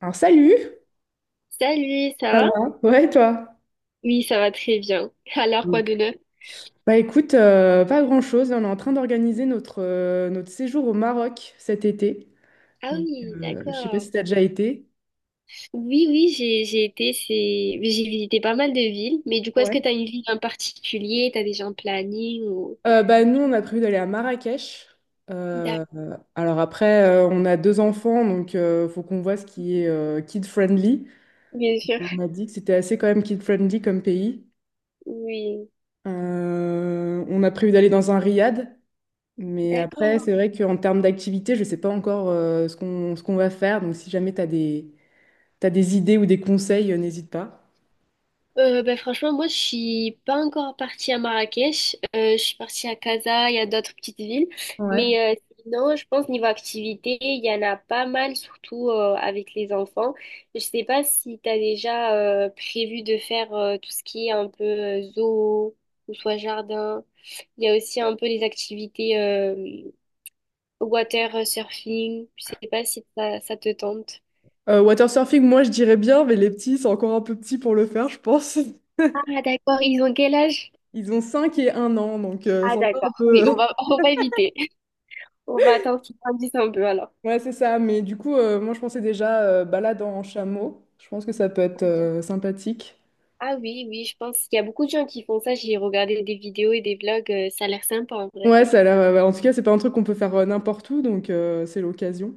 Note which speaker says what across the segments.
Speaker 1: Alors salut.
Speaker 2: Salut, ça
Speaker 1: Ça
Speaker 2: va?
Speaker 1: va? Ouais, toi?
Speaker 2: Oui, ça va très bien. Alors,
Speaker 1: Mm.
Speaker 2: quoi de neuf?
Speaker 1: Bah écoute, pas grand-chose. On est en train d'organiser notre séjour au Maroc cet été.
Speaker 2: Ah
Speaker 1: Donc
Speaker 2: oui,
Speaker 1: je sais pas
Speaker 2: d'accord.
Speaker 1: si t'as déjà été.
Speaker 2: Oui, oui, j'ai été, c'est j'ai visité pas mal de villes, mais du coup, est-ce que
Speaker 1: Ouais.
Speaker 2: t'as une ville en particulier? T'as déjà un planning ou...
Speaker 1: Bah, nous on a prévu d'aller à Marrakech.
Speaker 2: D'accord.
Speaker 1: Alors après, on a deux enfants, donc faut qu'on voit ce qui est kid-friendly.
Speaker 2: Bien sûr.
Speaker 1: Et on a dit que c'était assez quand même kid-friendly comme pays.
Speaker 2: Oui,
Speaker 1: On a prévu d'aller dans un riad. Mais après,
Speaker 2: d'accord.
Speaker 1: c'est vrai qu'en termes d'activité, je ne sais pas encore ce qu'on va faire. Donc, si jamais t'as des idées ou des conseils, n'hésite pas.
Speaker 2: Ben franchement, moi, je suis pas encore partie à Marrakech. Je suis partie à Casa, il y a d'autres petites villes.
Speaker 1: Ouais.
Speaker 2: Mais euh, Sinon, je pense niveau activité, il y en a pas mal, surtout avec les enfants. Je sais pas si tu as déjà prévu de faire tout ce qui est un peu zoo ou soit jardin. Il y a aussi un peu les activités water surfing. Je sais pas si ça, ça te tente.
Speaker 1: Watersurfing, moi, je dirais bien, mais les petits sont encore un peu petits pour le faire, je pense.
Speaker 2: Ah d'accord, ils ont quel âge?
Speaker 1: Ils ont 5 et 1 an, donc c'est
Speaker 2: Ah
Speaker 1: encore
Speaker 2: d'accord,
Speaker 1: un
Speaker 2: oui, on
Speaker 1: peu...
Speaker 2: va, on va éviter. On va attendre qu'ils grandissent un peu alors.
Speaker 1: Ouais, c'est ça. Mais du coup, moi, je pensais déjà balade en chameau. Je pense que ça peut être sympathique.
Speaker 2: Ah oui, oui, je pense qu'il y a beaucoup de gens qui font ça. J'ai regardé des vidéos et des vlogs, ça a l'air sympa en vrai.
Speaker 1: Ouais, ça a l'air. Ouais, ouais, en tout cas, c'est pas un truc qu'on peut faire n'importe où, donc c'est l'occasion.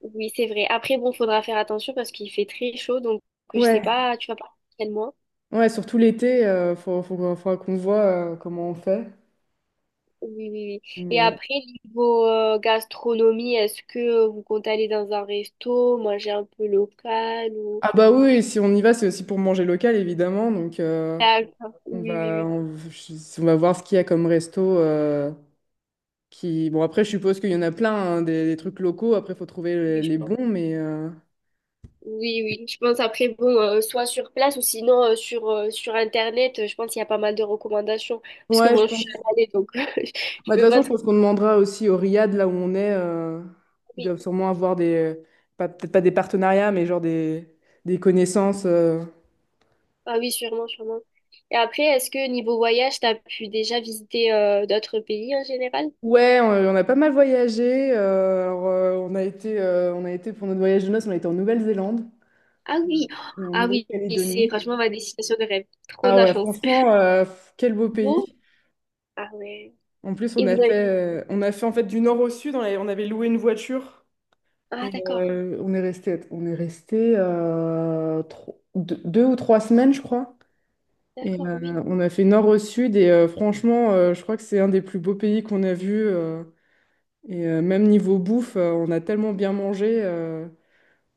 Speaker 2: Oui, c'est vrai. Après, bon, faudra faire attention parce qu'il fait très chaud, donc je sais
Speaker 1: Ouais.
Speaker 2: pas, tu vas pas quel mois.
Speaker 1: Ouais, surtout l'été, il faut, faut, qu'on faudra qu'on voit comment on fait.
Speaker 2: Oui, oui, oui. Et
Speaker 1: Mais-
Speaker 2: après, niveau gastronomie, est-ce que vous comptez aller dans un resto, manger un peu local ou...
Speaker 1: Ah bah oui, et si on y va, c'est aussi pour manger local, évidemment. Donc
Speaker 2: D'accord. Oui, oui, oui.
Speaker 1: on va voir ce qu'il y a comme resto. Bon, après, je suppose qu'il y en a plein, hein, des trucs locaux. Après, il faut trouver
Speaker 2: Oui, je
Speaker 1: les
Speaker 2: pense.
Speaker 1: bons, mais
Speaker 2: Oui, oui, je pense après, bon, soit sur place ou sinon sur, sur Internet, je pense qu'il y a pas mal de recommandations. Parce que
Speaker 1: ouais, je
Speaker 2: bon, je suis
Speaker 1: pense.
Speaker 2: jamais allée, donc je
Speaker 1: Bah, de
Speaker 2: peux
Speaker 1: toute
Speaker 2: pas
Speaker 1: façon, je
Speaker 2: trop...
Speaker 1: pense qu'on demandera aussi au Riyad, là où on est. Ils
Speaker 2: Oui.
Speaker 1: doivent sûrement avoir des... Peut-être pas des partenariats, mais genre des connaissances.
Speaker 2: Ah oui, sûrement, sûrement. Et après, est-ce que niveau voyage, t'as pu déjà visiter d'autres pays en général?
Speaker 1: Ouais, on a pas mal voyagé. Alors, on a été pour notre voyage de noces, on a été en Nouvelle-Zélande
Speaker 2: Ah oui,
Speaker 1: et en
Speaker 2: ah oui, c'est
Speaker 1: Nouvelle-Calédonie.
Speaker 2: franchement ma destination de rêve. Trop de
Speaker 1: Ah
Speaker 2: la
Speaker 1: ouais,
Speaker 2: chance.
Speaker 1: franchement, quel beau pays.
Speaker 2: Bon, ah ouais.
Speaker 1: En plus,
Speaker 2: Et vous avez...
Speaker 1: on a fait en fait du nord au sud. On avait loué une voiture
Speaker 2: Ah
Speaker 1: et
Speaker 2: d'accord,
Speaker 1: on est resté deux, 2 ou 3 semaines, je crois. Et
Speaker 2: d'accord, oui.
Speaker 1: on a fait nord au sud et franchement, je crois que c'est un des plus beaux pays qu'on a vus. Et même niveau bouffe, on a tellement bien mangé.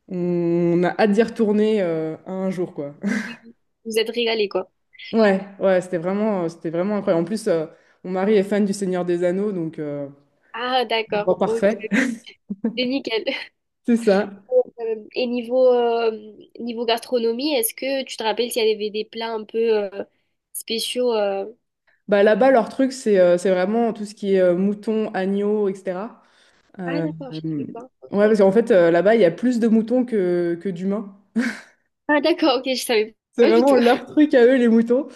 Speaker 1: On a hâte d'y retourner un jour, quoi.
Speaker 2: oui, oui. Vous êtes régalés, quoi.
Speaker 1: Ouais, ouais, c'était vraiment incroyable. En plus, mon mari est fan du Seigneur des Anneaux, donc
Speaker 2: Ah d'accord,
Speaker 1: bon,
Speaker 2: ok.
Speaker 1: parfait.
Speaker 2: C'est nickel.
Speaker 1: C'est ça.
Speaker 2: Et niveau gastronomie, est-ce que tu te rappelles s'il y avait des plats un peu euh, spéciaux
Speaker 1: Bah, là-bas, leur truc, c'est vraiment tout ce qui est moutons, agneaux, etc.
Speaker 2: Ah
Speaker 1: Euh,
Speaker 2: d'accord, je
Speaker 1: euh,
Speaker 2: savais pas. Ok.
Speaker 1: ouais, parce qu'en fait, là-bas, il y a plus de moutons que d'humains.
Speaker 2: Ah d'accord, ok, je savais
Speaker 1: C'est
Speaker 2: pas du tout.
Speaker 1: vraiment leur truc à eux, les moutons.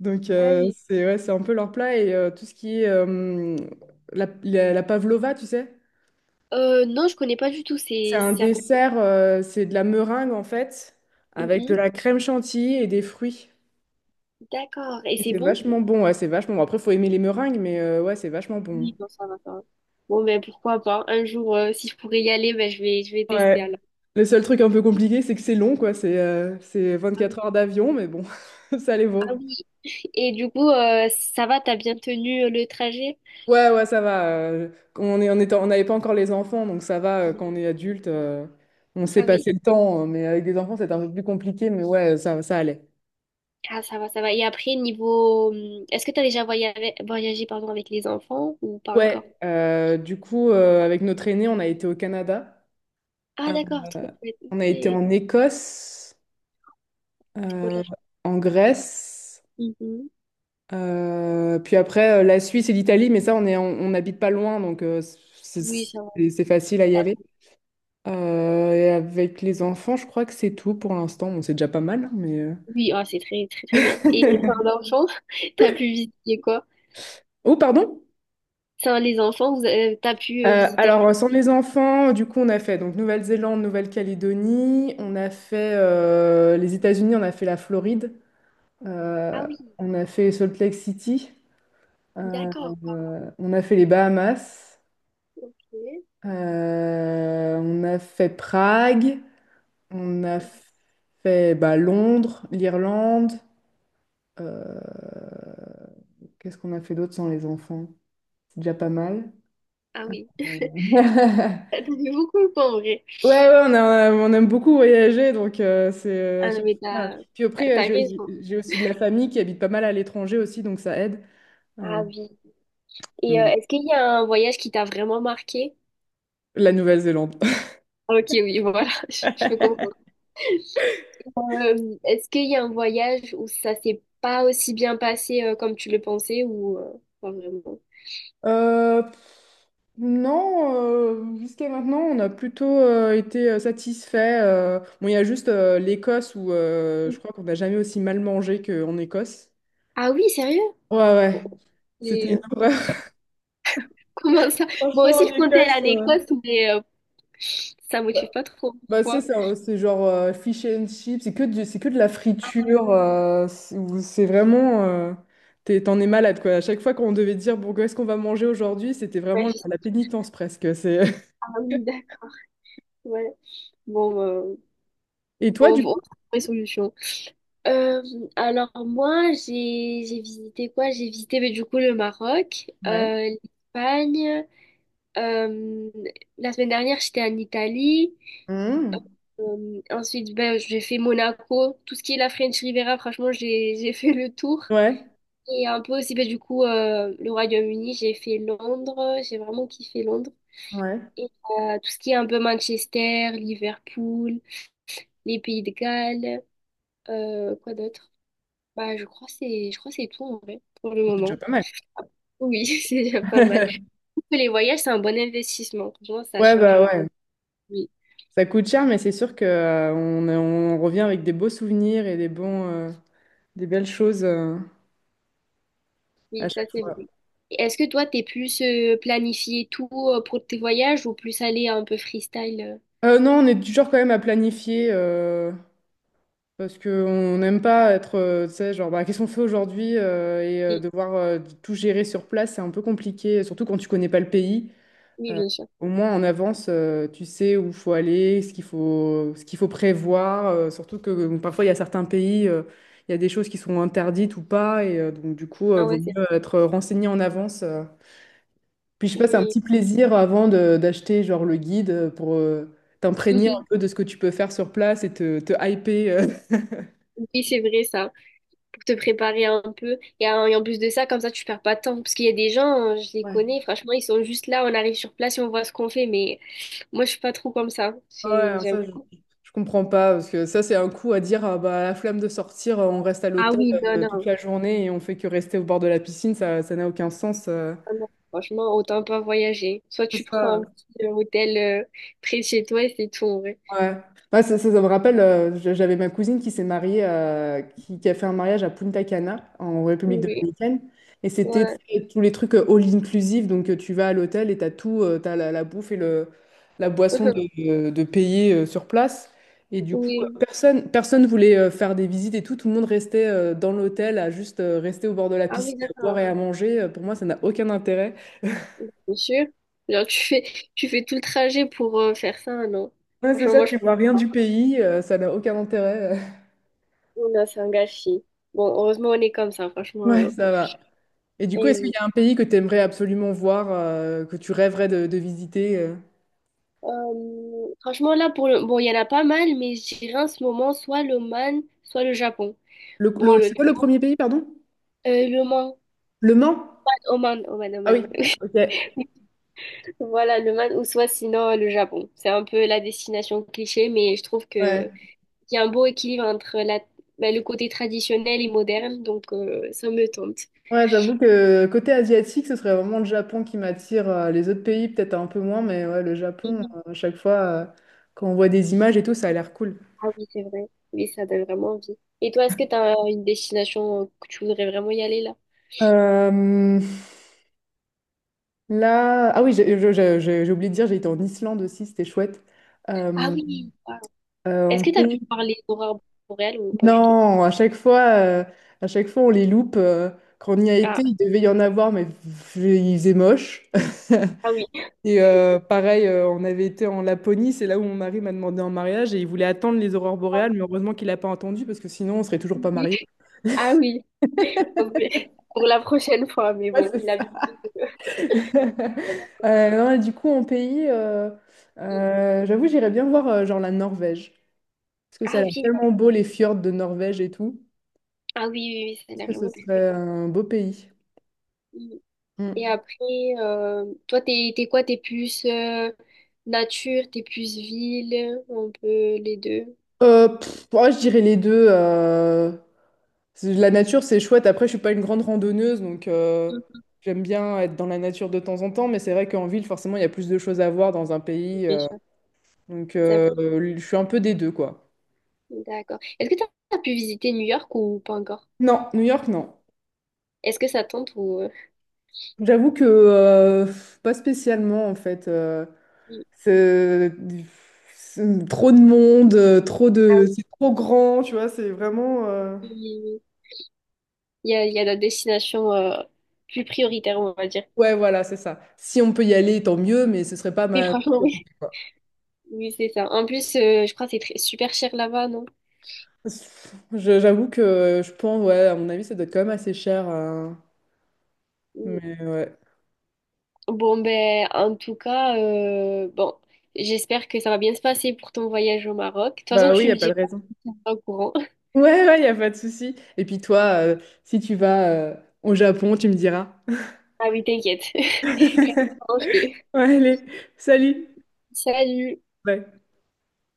Speaker 1: Donc,
Speaker 2: Ah oui.
Speaker 1: c'est un peu leur plat. Et tout ce qui est la pavlova, tu sais?
Speaker 2: Non, je connais pas du tout.
Speaker 1: C'est
Speaker 2: C'est
Speaker 1: un
Speaker 2: c'est à côté.
Speaker 1: dessert, c'est de la meringue en fait, avec de
Speaker 2: Mhm.
Speaker 1: la crème chantilly et des fruits.
Speaker 2: D'accord. Et
Speaker 1: Et
Speaker 2: c'est
Speaker 1: c'est
Speaker 2: bon?
Speaker 1: vachement bon, ouais, c'est vachement bon. Après, faut aimer les meringues, mais ouais, c'est vachement bon.
Speaker 2: Oui, bon, ça va, ça va. Bon, ben pourquoi pas. Un jour, si je pourrais y aller, ben, je vais tester
Speaker 1: Ouais.
Speaker 2: alors.
Speaker 1: Le seul truc un peu compliqué, c'est que c'est long, quoi. C'est
Speaker 2: Ah
Speaker 1: 24
Speaker 2: oui.
Speaker 1: heures d'avion, mais bon, ça les
Speaker 2: Ah
Speaker 1: vaut.
Speaker 2: oui. Et du coup, ça va, t'as bien tenu le trajet?
Speaker 1: Ouais, ouais, ça va. On n'avait pas encore les enfants, donc ça va.
Speaker 2: Ah oui.
Speaker 1: Quand on est adulte, on sait
Speaker 2: Ah oui.
Speaker 1: passer le temps, mais avec des enfants, c'est un peu plus compliqué, mais ouais, ça allait.
Speaker 2: Ah, ça va, ça va. Et après, niveau... Est-ce que t'as déjà voyagé pardon, avec les enfants ou pas encore?
Speaker 1: Ouais, du coup, avec notre aîné, on a été au Canada.
Speaker 2: Ah, d'accord, trop chouette.
Speaker 1: On a été
Speaker 2: Ok,
Speaker 1: en Écosse,
Speaker 2: trop de
Speaker 1: euh,
Speaker 2: la chance.
Speaker 1: en Grèce,
Speaker 2: Mhm.
Speaker 1: puis après la Suisse et l'Italie, mais ça, on n'habite pas loin, donc
Speaker 2: Oui, ça va.
Speaker 1: c'est facile à y aller.
Speaker 2: D'accord.
Speaker 1: Et avec les enfants, je crois que c'est tout pour l'instant. Bon, c'est déjà pas mal, hein, mais
Speaker 2: Oui, ah, c'est très, très, très bien. Et enfin, l'enfant, t'as pu visiter quoi?
Speaker 1: Oh, pardon?
Speaker 2: Enfin, les enfants, t'as pu visiter...
Speaker 1: Alors, sans les enfants, du coup, on a fait donc Nouvelle-Zélande, Nouvelle-Calédonie, on a fait les États-Unis, on a fait la Floride,
Speaker 2: Ah
Speaker 1: euh,
Speaker 2: oui,
Speaker 1: on a fait Salt Lake City. Euh,
Speaker 2: d'accord.
Speaker 1: on a fait les Bahamas,
Speaker 2: Ok.
Speaker 1: on a fait Prague, on a fait bah, Londres, l'Irlande. euh, Qu'est-ce qu'on a fait d'autre sans les enfants? C'est déjà pas mal.
Speaker 2: Ah oui.
Speaker 1: Euh,
Speaker 2: T'as donné beaucoup de temps, en vrai.
Speaker 1: Ouais, ouais, on aime beaucoup voyager, donc c'est à
Speaker 2: Ah non,
Speaker 1: chaque
Speaker 2: mais
Speaker 1: fois. Puis après,
Speaker 2: t'as
Speaker 1: j'ai
Speaker 2: raison.
Speaker 1: j'ai aussi de la famille qui habite pas mal à l'étranger aussi, donc ça aide.
Speaker 2: Ah
Speaker 1: Euh,
Speaker 2: oui. Et
Speaker 1: mais-
Speaker 2: est-ce qu'il y a un voyage qui t'a vraiment marqué?
Speaker 1: La Nouvelle-Zélande.
Speaker 2: Ah, Ok, oui, voilà. Je peux comprendre. Est-ce qu'il y a un voyage où ça s'est pas aussi bien passé comme tu le pensais ou pas vraiment?
Speaker 1: Euh, non, jusqu'à maintenant, on a plutôt été satisfait. Bon, il y a juste l'Écosse où je crois qu'on n'a jamais aussi mal mangé qu'en Écosse.
Speaker 2: Ah oui, sérieux?
Speaker 1: Ouais,
Speaker 2: Bon,
Speaker 1: ouais, c'était
Speaker 2: mais,
Speaker 1: une horreur.
Speaker 2: comment ça? Moi
Speaker 1: Franchement,
Speaker 2: aussi, je comptais aller
Speaker 1: l'Écosse.
Speaker 2: à l'Écosse, mais ça me motive pas trop.
Speaker 1: Bah, c'est
Speaker 2: Pourquoi?
Speaker 1: ça, ouais, c'est genre fish and chips, c'est que de la friture, c'est vraiment. T'en es malade, quoi. À chaque fois qu'on devait dire, bon, qu'est-ce qu'on va manger aujourd'hui, c'était
Speaker 2: Ouais,
Speaker 1: vraiment
Speaker 2: je sais. Pas.
Speaker 1: la pénitence presque. C'est...
Speaker 2: Ah oui, d'accord. Ouais. Bon,
Speaker 1: Et toi,
Speaker 2: bon, on
Speaker 1: du
Speaker 2: va
Speaker 1: coup?
Speaker 2: trouver solution. Euh, alors moi, j'ai visité quoi? J'ai visité mais du coup le Maroc,
Speaker 1: Ouais.
Speaker 2: l'Espagne. Euh, la semaine dernière, j'étais en Italie.
Speaker 1: Mmh.
Speaker 2: Ensuite, ben, j'ai fait Monaco. Tout ce qui est la French Riviera, franchement, j'ai fait le tour.
Speaker 1: Ouais,
Speaker 2: Et un peu aussi, ben, du coup, le Royaume-Uni, j'ai fait Londres. J'ai vraiment kiffé Londres.
Speaker 1: ouais.
Speaker 2: Et tout ce qui est un peu Manchester, Liverpool, les Pays de Galles, quoi d'autre? Bah, je crois que c'est tout en vrai pour le
Speaker 1: C'est déjà
Speaker 2: moment.
Speaker 1: pas mal.
Speaker 2: Oui, c'est déjà pas mal. Les voyages, c'est un bon investissement. Franchement, ça
Speaker 1: Ouais,
Speaker 2: change.
Speaker 1: bah ouais.
Speaker 2: Oui.
Speaker 1: Ça coûte cher, mais c'est sûr que on revient avec des beaux souvenirs et des belles choses à
Speaker 2: Oui, ça
Speaker 1: chaque
Speaker 2: c'est
Speaker 1: fois.
Speaker 2: vrai. Et Est-ce que toi, t'es plus planifié tout pour tes voyages ou plus aller un peu freestyle?
Speaker 1: Non, on est toujours quand même à planifier, parce qu'on n'aime pas être, tu sais, genre, bah, qu'est-ce qu'on fait aujourd'hui, et
Speaker 2: Oui,
Speaker 1: devoir tout gérer sur place, c'est un peu compliqué, surtout quand tu connais pas le pays.
Speaker 2: oui,
Speaker 1: Euh,
Speaker 2: bien sûr.
Speaker 1: Au moins en avance, tu sais où faut aller, ce qu'il faut prévoir. Surtout que parfois il y a certains pays, il y a des choses qui sont interdites ou pas, et donc du coup,
Speaker 2: Ah
Speaker 1: vaut
Speaker 2: ouais, c'est
Speaker 1: mieux être renseigné en avance. Puis je sais pas, c'est un
Speaker 2: oui.
Speaker 1: petit plaisir d'acheter genre le guide pour t'imprégner un
Speaker 2: Mhm.
Speaker 1: peu de ce que tu peux faire sur place et te hyper.
Speaker 2: Oui, c'est vrai ça, pour te préparer un peu. Et en plus de ça, comme ça, tu perds pas de temps. Parce qu'il y a des gens, je les
Speaker 1: Ouais.
Speaker 2: connais, franchement, ils sont juste là, on arrive sur place et on voit ce qu'on fait. Mais moi, je suis pas trop comme ça. J'ai-
Speaker 1: Ouais,
Speaker 2: J'aime.
Speaker 1: ça, je comprends pas, parce que ça, c'est un coup à dire, ah, bah, la flemme de sortir, on reste à
Speaker 2: Ah
Speaker 1: l'hôtel
Speaker 2: oui, non,
Speaker 1: toute
Speaker 2: non.
Speaker 1: la journée et on fait que rester au bord de la piscine. Ça n'a aucun sens.
Speaker 2: Ah non. Franchement, autant pas voyager. Soit tu
Speaker 1: C'est
Speaker 2: prends un
Speaker 1: ça.
Speaker 2: petit hôtel euh, près de chez toi et c'est tout, en vrai.
Speaker 1: Ouais. Ouais, ça me rappelle, j'avais ma cousine qui s'est mariée, qui a fait un mariage à Punta Cana, en République
Speaker 2: Oui.
Speaker 1: dominicaine. Et c'était, tu
Speaker 2: Ouais.
Speaker 1: sais, tous les trucs all inclusive. Donc tu vas à l'hôtel et tu as tout, tu as la bouffe et la boisson
Speaker 2: Mhm.
Speaker 1: de payer sur place. Et du coup,
Speaker 2: Oui.
Speaker 1: personne voulait faire des visites et tout. Tout le monde restait dans l'hôtel à juste rester au bord de la
Speaker 2: Ah oui,
Speaker 1: piscine, à boire
Speaker 2: d'accord.
Speaker 1: et à manger. Pour moi, ça n'a aucun intérêt.
Speaker 2: Bien sûr. Genre, tu fais, tu fais tout le trajet pour faire ça, non?
Speaker 1: Ouais, c'est
Speaker 2: Franchement,
Speaker 1: ça,
Speaker 2: moi, je
Speaker 1: tu vois rien du pays, ça n'a aucun intérêt.
Speaker 2: pense que c'est un gâchis. Bon, heureusement, on est comme ça, franchement.
Speaker 1: Ouais,
Speaker 2: Ouais.
Speaker 1: ça va. Et du coup,
Speaker 2: Et
Speaker 1: est-ce qu'il
Speaker 2: oui.
Speaker 1: y a un pays que tu aimerais absolument voir, que tu rêverais de visiter?
Speaker 2: Franchement, là, pour le... Bon, il y en a pas mal, mais je dirais en ce moment, soit l'Oman, soit le Japon. Bon,
Speaker 1: C'est quoi le premier pays, pardon?
Speaker 2: le Man,
Speaker 1: Le Mans?
Speaker 2: Oman, Oman,
Speaker 1: Ah
Speaker 2: Oman.
Speaker 1: oui, ok. Ouais,
Speaker 2: Voilà, le Man, ou soit sinon le Japon. C'est un peu la destination cliché, mais je trouve que Il y a un beau équilibre entre la, ben, le côté traditionnel et moderne, donc ça me tente.
Speaker 1: ouais, j'avoue que côté asiatique, ce serait vraiment le Japon qui m'attire. Les autres pays, peut-être un peu moins, mais ouais, le Japon,
Speaker 2: Mhm.
Speaker 1: à chaque fois, quand on voit des images et tout, ça a l'air cool.
Speaker 2: Ah oui, c'est vrai. Oui, ça donne vraiment envie. Et toi, est-ce que tu as une destination que tu voudrais vraiment y aller là?
Speaker 1: Euh, Là, ah oui, j'ai oublié de dire, j'ai été en Islande aussi, c'était chouette.
Speaker 2: Ah
Speaker 1: Euh,
Speaker 2: oui, wow. Est-ce
Speaker 1: en
Speaker 2: que tu as
Speaker 1: pays
Speaker 2: pu parler d'aurore boréale ou pas du tout?
Speaker 1: Non, à chaque fois on les loupe. Quand on y a été,
Speaker 2: Ah,
Speaker 1: il devait y en avoir, mais pff, il faisait moche.
Speaker 2: ah oui.
Speaker 1: Et pareil, on avait été en Laponie, c'est là où mon mari m'a demandé en mariage et il voulait attendre les aurores boréales, mais heureusement qu'il n'a pas entendu parce que sinon on serait toujours pas
Speaker 2: Oui.
Speaker 1: mariés.
Speaker 2: Ah oui, Ok. Pour la prochaine fois, mais
Speaker 1: Ouais,
Speaker 2: bon,
Speaker 1: c'est
Speaker 2: il a bien
Speaker 1: ça.
Speaker 2: fait de-
Speaker 1: Non, et du coup,
Speaker 2: Mm.
Speaker 1: j'avoue, j'irais bien voir genre la Norvège parce que ça a
Speaker 2: Ah
Speaker 1: l'air
Speaker 2: oui,
Speaker 1: tellement beau les fjords de Norvège et tout.
Speaker 2: ah oui, oui, oui, ça a
Speaker 1: Je
Speaker 2: l'air
Speaker 1: pense que
Speaker 2: vraiment
Speaker 1: ce
Speaker 2: très très
Speaker 1: serait un beau pays.
Speaker 2: bon. Et
Speaker 1: Mm.
Speaker 2: après, toi, t'es quoi? T'es plus nature, t'es plus ville, un peu les deux.
Speaker 1: Ouais, je dirais les deux. La nature, c'est chouette. Après, je suis pas une grande randonneuse, donc
Speaker 2: Mm.
Speaker 1: j'aime bien être dans la nature de temps en temps. Mais c'est vrai qu'en ville, forcément, il y a plus de choses à voir dans un pays.
Speaker 2: Bien sûr.
Speaker 1: Donc,
Speaker 2: Ça bouge.
Speaker 1: je suis un peu des deux, quoi.
Speaker 2: D'accord. Est-ce que t'as as pu visiter New York ou pas encore?
Speaker 1: Non, New York, non.
Speaker 2: Est-ce que ça tente ou...
Speaker 1: J'avoue que pas spécialement, en fait.
Speaker 2: il-
Speaker 1: C'est c'est trop de monde,
Speaker 2: Ah
Speaker 1: c'est trop grand, tu vois. C'est vraiment.
Speaker 2: oui, il y a la destination plus prioritaire, on va dire.
Speaker 1: Ouais, voilà, c'est ça. Si on peut y aller, tant mieux, mais ce serait pas
Speaker 2: Oui,
Speaker 1: ma
Speaker 2: franchement, oui.
Speaker 1: priorité, quoi.
Speaker 2: Oui, c'est ça. En plus, je crois que c'est très- super cher là-bas, non?
Speaker 1: J'avoue que je pense, ouais, à mon avis, ça doit être quand même assez cher.
Speaker 2: Mm.
Speaker 1: Mais ouais.
Speaker 2: Bon, ben, en tout cas, bon, j'espère que ça va bien se passer pour ton voyage au Maroc. De toute façon,
Speaker 1: Bah oui, il
Speaker 2: tu
Speaker 1: n'y a
Speaker 2: me
Speaker 1: pas
Speaker 2: dis
Speaker 1: de raison.
Speaker 2: pas au courant.
Speaker 1: Ouais, ouais, il n'y a pas de souci. Et puis toi, euh, si tu vas au Japon, tu me diras.
Speaker 2: Ah oui, t'inquiète. Reste tranquille.
Speaker 1: Ouais, allez, salut.
Speaker 2: Salut.
Speaker 1: Ouais.